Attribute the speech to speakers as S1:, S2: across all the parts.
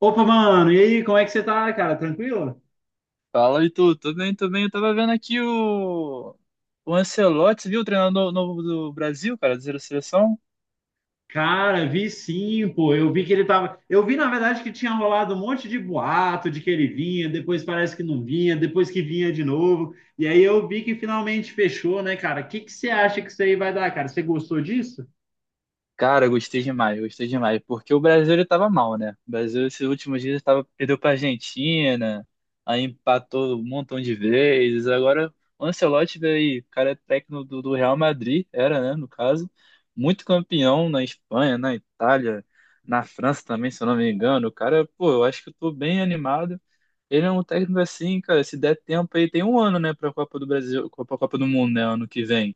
S1: Opa, mano, e aí, como é que você tá, cara? Tranquilo?
S2: Fala, Itu. Tudo bem, tudo bem. Eu tava vendo aqui o Ancelotti, viu? O treinador novo do Brasil, cara, da seleção.
S1: Cara, vi sim, pô. Eu vi que ele tava. Eu vi, na verdade, que tinha rolado um monte de boato de que ele vinha, depois parece que não vinha, depois que vinha de novo. E aí eu vi que finalmente fechou, né, cara? O que que você acha que isso aí vai dar, cara? Você gostou disso?
S2: Cara, gostei demais, gostei demais. Porque o Brasil, ele tava mal, né? O Brasil, esses últimos dias, tava, perdeu pra Argentina, aí empatou um montão de vezes. Agora, o Ancelotti veio, aí, o cara é técnico do Real Madrid, era, né, no caso. Muito campeão na Espanha, na Itália, na França também, se eu não me engano. O cara, pô, eu acho que eu tô bem animado. Ele é um técnico assim, cara, se der tempo aí, tem um ano, né, pra Copa do Brasil, pra Copa do Mundo, né, ano que vem.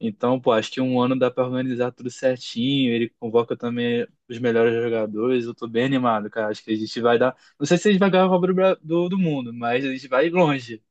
S2: Então, pô, acho que um ano dá pra organizar tudo certinho, ele convoca também os melhores jogadores, eu tô bem animado, cara, acho que a gente vai dar, não sei se a gente vai ganhar a Copa do Mundo, mas a gente vai longe.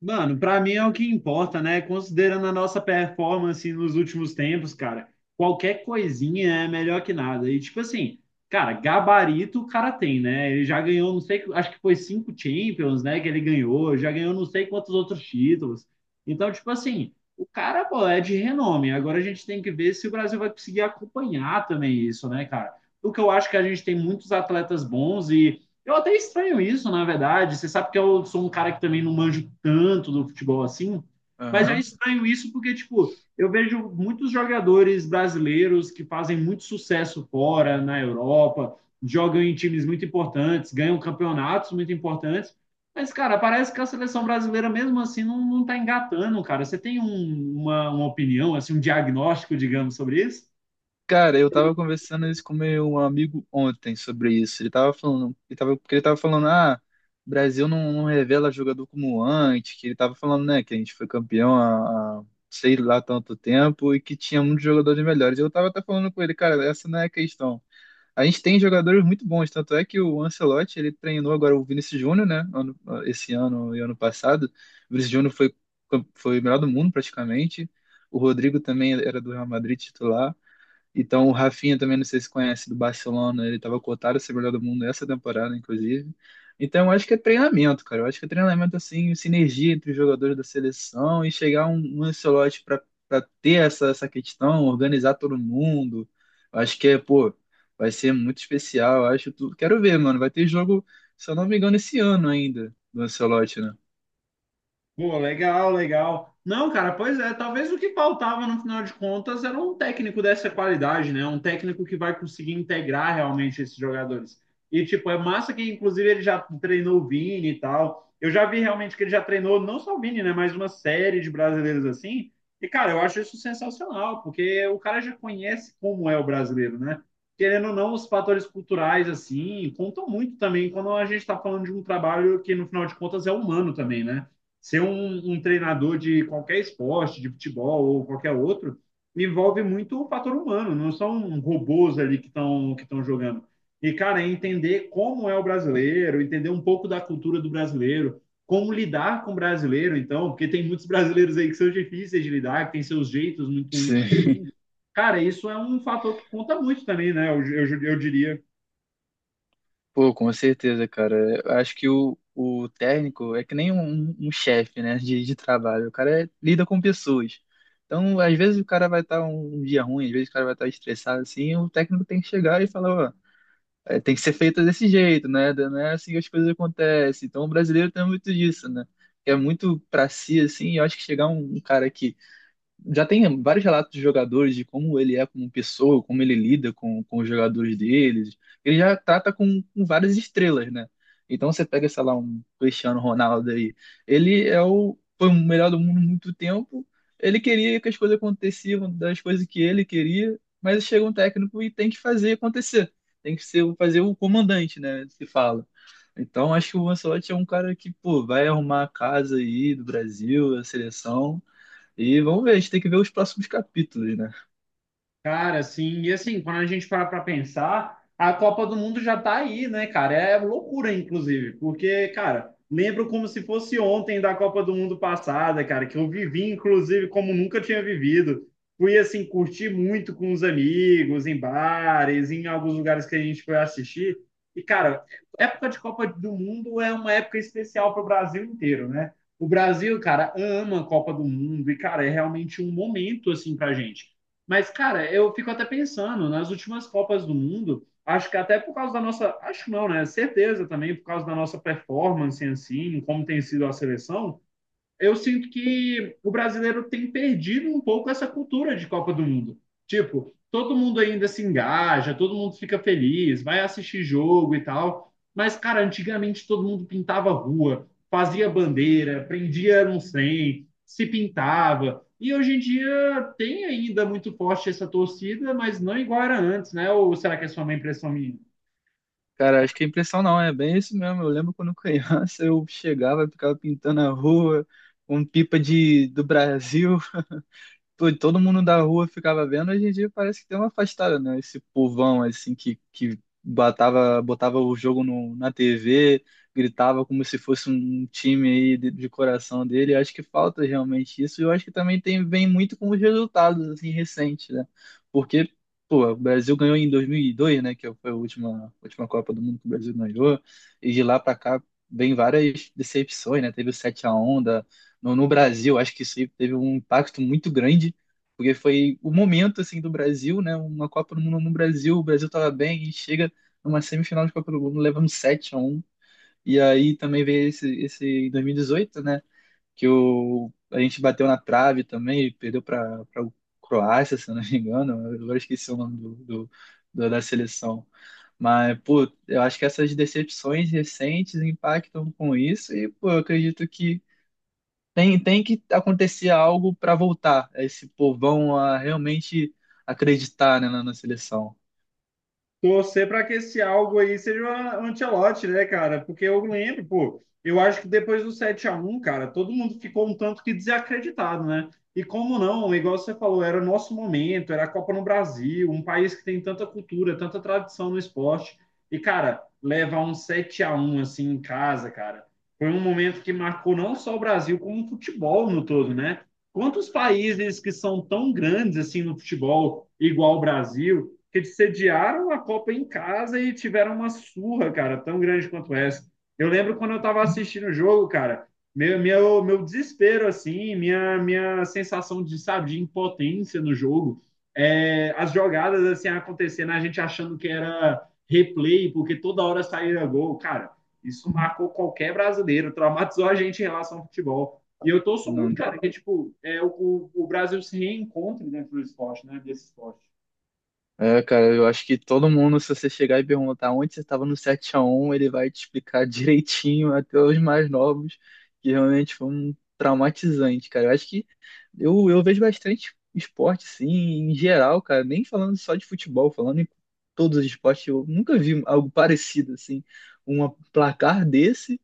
S1: Mano, pra mim é o que importa, né? Considerando a nossa performance nos últimos tempos, cara, qualquer coisinha é melhor que nada. E tipo assim, cara, gabarito o cara tem, né? Ele já ganhou, não sei, acho que foi cinco Champions, né? Que ele ganhou, já ganhou não sei quantos outros títulos. Então, tipo assim, o cara, pô, é de renome. Agora a gente tem que ver se o Brasil vai conseguir acompanhar também isso, né, cara? O que eu acho que a gente tem muitos atletas bons e eu até estranho isso, na verdade. Você sabe que eu sou um cara que também não manjo tanto do futebol assim, mas eu
S2: Aham.
S1: estranho isso porque, tipo, eu vejo muitos jogadores brasileiros que fazem muito sucesso fora, na Europa, jogam em times muito importantes, ganham campeonatos muito importantes, mas, cara, parece que a seleção brasileira, mesmo assim, não tá engatando, cara. Você tem uma opinião, assim, um diagnóstico, digamos, sobre isso?
S2: Cara, eu tava conversando isso com meu amigo ontem sobre isso. Ele tava falando, ele tava, porque ele tava falando, ah, o Brasil não revela jogador como antes, que ele tava falando, né, que a gente foi campeão há sei lá tanto tempo e que tinha muitos jogadores melhores. Eu tava até falando com ele, cara, essa não é a questão. A gente tem jogadores muito bons, tanto é que o Ancelotti, ele treinou agora o Vinícius Júnior, né, esse ano e ano passado. O Vinícius Júnior foi o melhor do mundo praticamente. O Rodrigo também era do Real Madrid titular. Então, o Rafinha também, não sei se conhece, do Barcelona, ele estava cotado a ser melhor do mundo essa temporada, inclusive. Então, eu acho que é treinamento, cara. Eu acho que é treinamento, assim, sinergia entre os jogadores da seleção e chegar um Ancelotti para ter essa questão, organizar todo mundo. Eu acho que é, pô, vai ser muito especial. Eu acho tudo. Quero ver, mano. Vai ter jogo, se eu não me engano, esse ano ainda, do Ancelotti, né?
S1: Pô, legal, legal. Não, cara, pois é, talvez o que faltava no final de contas era um técnico dessa qualidade, né? Um técnico que vai conseguir integrar realmente esses jogadores. E, tipo, é massa que, inclusive, ele já treinou o Vini e tal. Eu já vi realmente que ele já treinou, não só o Vini, né? Mas uma série de brasileiros assim. E, cara, eu acho isso sensacional, porque o cara já conhece como é o brasileiro, né? Querendo ou não, os fatores culturais, assim, contam muito também quando a gente está falando de um trabalho que, no final de contas, é humano também, né? ser um, um treinador de qualquer esporte, de futebol ou qualquer outro, envolve muito o fator humano, não são robôs ali que estão jogando. E, cara, é entender como é o brasileiro, entender um pouco da cultura do brasileiro, como lidar com o brasileiro, então, porque tem muitos brasileiros aí que são difíceis de lidar, que têm seus jeitos muito únicos.
S2: Sim.
S1: Cara, isso é um fator que conta muito também, né? Eu diria.
S2: Pô, com certeza, cara. Eu acho que o técnico é que nem um chefe, né, de trabalho. O cara lida com pessoas. Então, às vezes o cara vai estar um dia ruim, às vezes o cara vai estar estressado, assim, e o técnico tem que chegar e falar, ó, é, tem que ser feita desse jeito, né? Não é assim que as coisas acontecem. Então, o brasileiro tem muito disso, né? É muito pra si, assim, e eu acho que chegar um cara que já tem vários relatos de jogadores de como ele é como pessoa, como ele lida com os jogadores deles. Ele já trata com várias estrelas, né? Então você pega, sei lá, um Cristiano Ronaldo aí. Ele é foi o melhor do mundo há muito tempo. Ele queria que as coisas aconteciam das coisas que ele queria, mas chega um técnico e tem que fazer acontecer. Tem que ser, fazer o comandante, né? Se fala. Então acho que o Ancelotti é um cara que, pô, vai arrumar a casa aí do Brasil, a seleção e vamos ver, a gente tem que ver os próximos capítulos, né?
S1: Cara, assim, e assim, quando a gente para pensar, a Copa do Mundo já tá aí, né, cara? É loucura, inclusive, porque, cara, lembro como se fosse ontem da Copa do Mundo passada, cara, que eu vivi, inclusive, como nunca tinha vivido. Fui, assim, curtir muito com os amigos, em bares, em alguns lugares que a gente foi assistir. E, cara, época de Copa do Mundo é uma época especial para o Brasil inteiro, né? O Brasil, cara, ama a Copa do Mundo e, cara, é realmente um momento, assim, pra gente. Mas, cara, eu fico até pensando, nas últimas Copas do Mundo, acho que até por causa da nossa, acho não, né? Certeza também, por causa da nossa performance em si, em como tem sido a seleção, eu sinto que o brasileiro tem perdido um pouco essa cultura de Copa do Mundo. Tipo, todo mundo ainda se engaja, todo mundo fica feliz, vai assistir jogo e tal. Mas, cara, antigamente todo mundo pintava rua, fazia bandeira, prendia não sei, se pintava. E hoje em dia tem ainda muito forte essa torcida, mas não igual era antes, né? Ou será que é só uma impressão minha?
S2: Cara, acho que a impressão não, é bem isso mesmo. Eu lembro quando criança eu chegava, ficava pintando a rua com pipa do Brasil. Pô, todo mundo da rua ficava vendo, hoje em dia parece que tem uma afastada, né? Esse povão, assim, que batava botava o jogo no, na TV, gritava como se fosse um time aí de coração dele. Eu acho que falta realmente isso. E eu acho que também tem, vem muito com os resultados, assim, recentes, né? Porque, pô, o Brasil ganhou em 2002, né? Que foi a última Copa do Mundo que o Brasil ganhou. E de lá pra cá vem várias decepções, né? Teve o 7 a um no Brasil, acho que isso aí teve um impacto muito grande, porque foi o momento assim do Brasil, né? Uma Copa do Mundo no Brasil, o Brasil estava bem e chega numa semifinal de Copa do Mundo levando 7 a um. E aí também veio esse em 2018, né, que o a gente bateu na trave também, perdeu para Croácia, se eu não me engano, agora eu esqueci o nome da seleção. Mas, pô, eu acho que essas decepções recentes impactam com isso, e, pô, eu acredito que tem, tem que acontecer algo para voltar esse povão a realmente acreditar, né, na seleção.
S1: Torcer para que esse algo aí seja o Ancelotti, né, cara? Porque eu lembro, pô, eu acho que depois do 7 a 1 cara, todo mundo ficou um tanto que desacreditado, né? E como não, igual você falou, era o nosso momento, era a Copa no Brasil, um país que tem tanta cultura, tanta tradição no esporte. E, cara, levar um 7 a 1 assim em casa, cara, foi um momento que marcou não só o Brasil, como o futebol no todo, né? Quantos países que são tão grandes assim no futebol, igual o Brasil? Que eles sediaram a Copa em casa e tiveram uma surra, cara, tão grande quanto essa. Eu lembro quando eu estava assistindo o jogo, cara, meu desespero, assim, minha sensação de, sabe, de impotência no jogo, é, as jogadas, assim, acontecendo, a gente achando que era replay, porque toda hora saía gol, cara, isso marcou qualquer brasileiro, traumatizou a gente em relação ao futebol. E eu torço muito,
S2: Não,
S1: cara, que, tipo, é, o Brasil se reencontre dentro do esporte, né, desse esporte.
S2: é, cara, eu acho que todo mundo, se você chegar e perguntar onde você estava no sete a um ele vai te explicar direitinho, até os mais novos, que realmente foi um traumatizante, cara. Eu acho que eu vejo bastante esporte, sim, em geral, cara, nem falando só de futebol, falando em todos os esportes, eu nunca vi algo parecido, assim, um placar desse.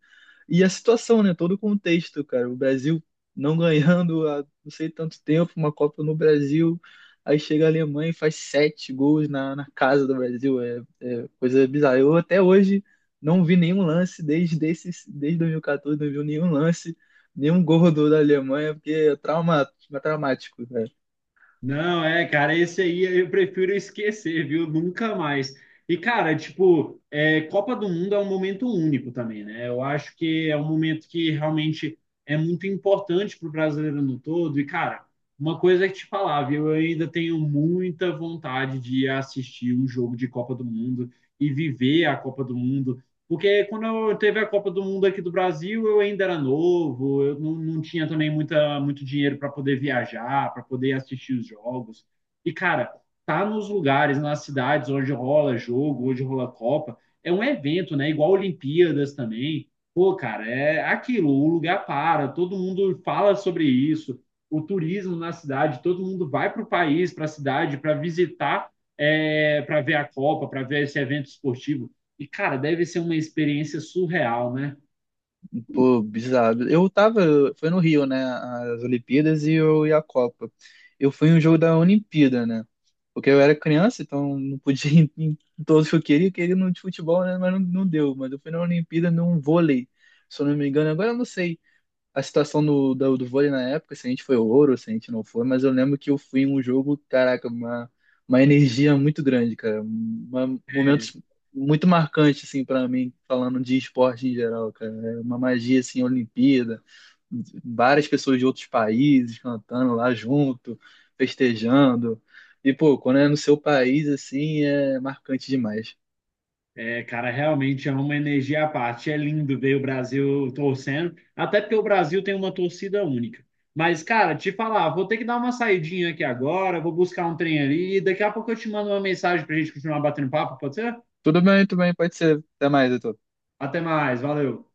S2: E a situação, né? Todo o contexto, cara. O Brasil não ganhando há não sei tanto tempo, uma Copa no Brasil. Aí chega a Alemanha e faz sete gols na casa do Brasil. É, é coisa bizarra. Eu até hoje não vi nenhum lance desde, esses, desde 2014, não vi nenhum lance, nenhum gol do da Alemanha, porque é trauma, traumático, né?
S1: Não, é, cara, esse aí eu prefiro esquecer, viu? Nunca mais. E, cara, tipo, é, Copa do Mundo é um momento único também, né? Eu acho que é um momento que realmente é muito importante para o brasileiro no todo. E, cara, uma coisa é te falar, viu? Eu ainda tenho muita vontade de assistir um jogo de Copa do Mundo e viver a Copa do Mundo. Porque quando eu teve a Copa do Mundo aqui do Brasil, eu ainda era novo, eu não tinha também muito dinheiro para poder viajar, para poder assistir os jogos. E, cara, tá nos lugares, nas cidades onde rola jogo, onde rola Copa, é um evento, né? Igual Olimpíadas também. Pô, cara, é aquilo, o lugar para, todo mundo fala sobre isso, o turismo na cidade, todo mundo vai para o país, para a cidade, para visitar, é, para ver a Copa, para ver esse evento esportivo. E, cara, deve ser uma experiência surreal, né?
S2: Pô, bizarro. Eu tava, foi no Rio, né? As Olimpíadas e, eu, e a Copa. Eu fui em um jogo da Olimpíada, né? Porque eu era criança, então não podia ir em todos que eu queria. Eu queria no de futebol, né? Mas não, não deu. Mas eu fui na Olimpíada num vôlei, se eu não me engano. Agora eu não sei a situação do vôlei na época, se a gente foi ouro, se a gente não foi, mas eu lembro que eu fui em um jogo, caraca, uma energia muito grande, cara. Uma, momentos muito marcantes, assim, para mim, falando de esporte em geral, cara. É uma magia, assim, Olimpíada, várias pessoas de outros países cantando lá junto, festejando. E, pô, quando é no seu país, assim, é marcante demais.
S1: É, cara, realmente é uma energia à parte. É lindo ver o Brasil torcendo, até porque o Brasil tem uma torcida única. Mas, cara, te falar, vou ter que dar uma saidinha aqui agora, vou buscar um trem ali, e daqui a pouco eu te mando uma mensagem pra gente continuar batendo papo, pode ser?
S2: Tudo bem, pode ser. Até mais, Heitor.
S1: Até mais, valeu.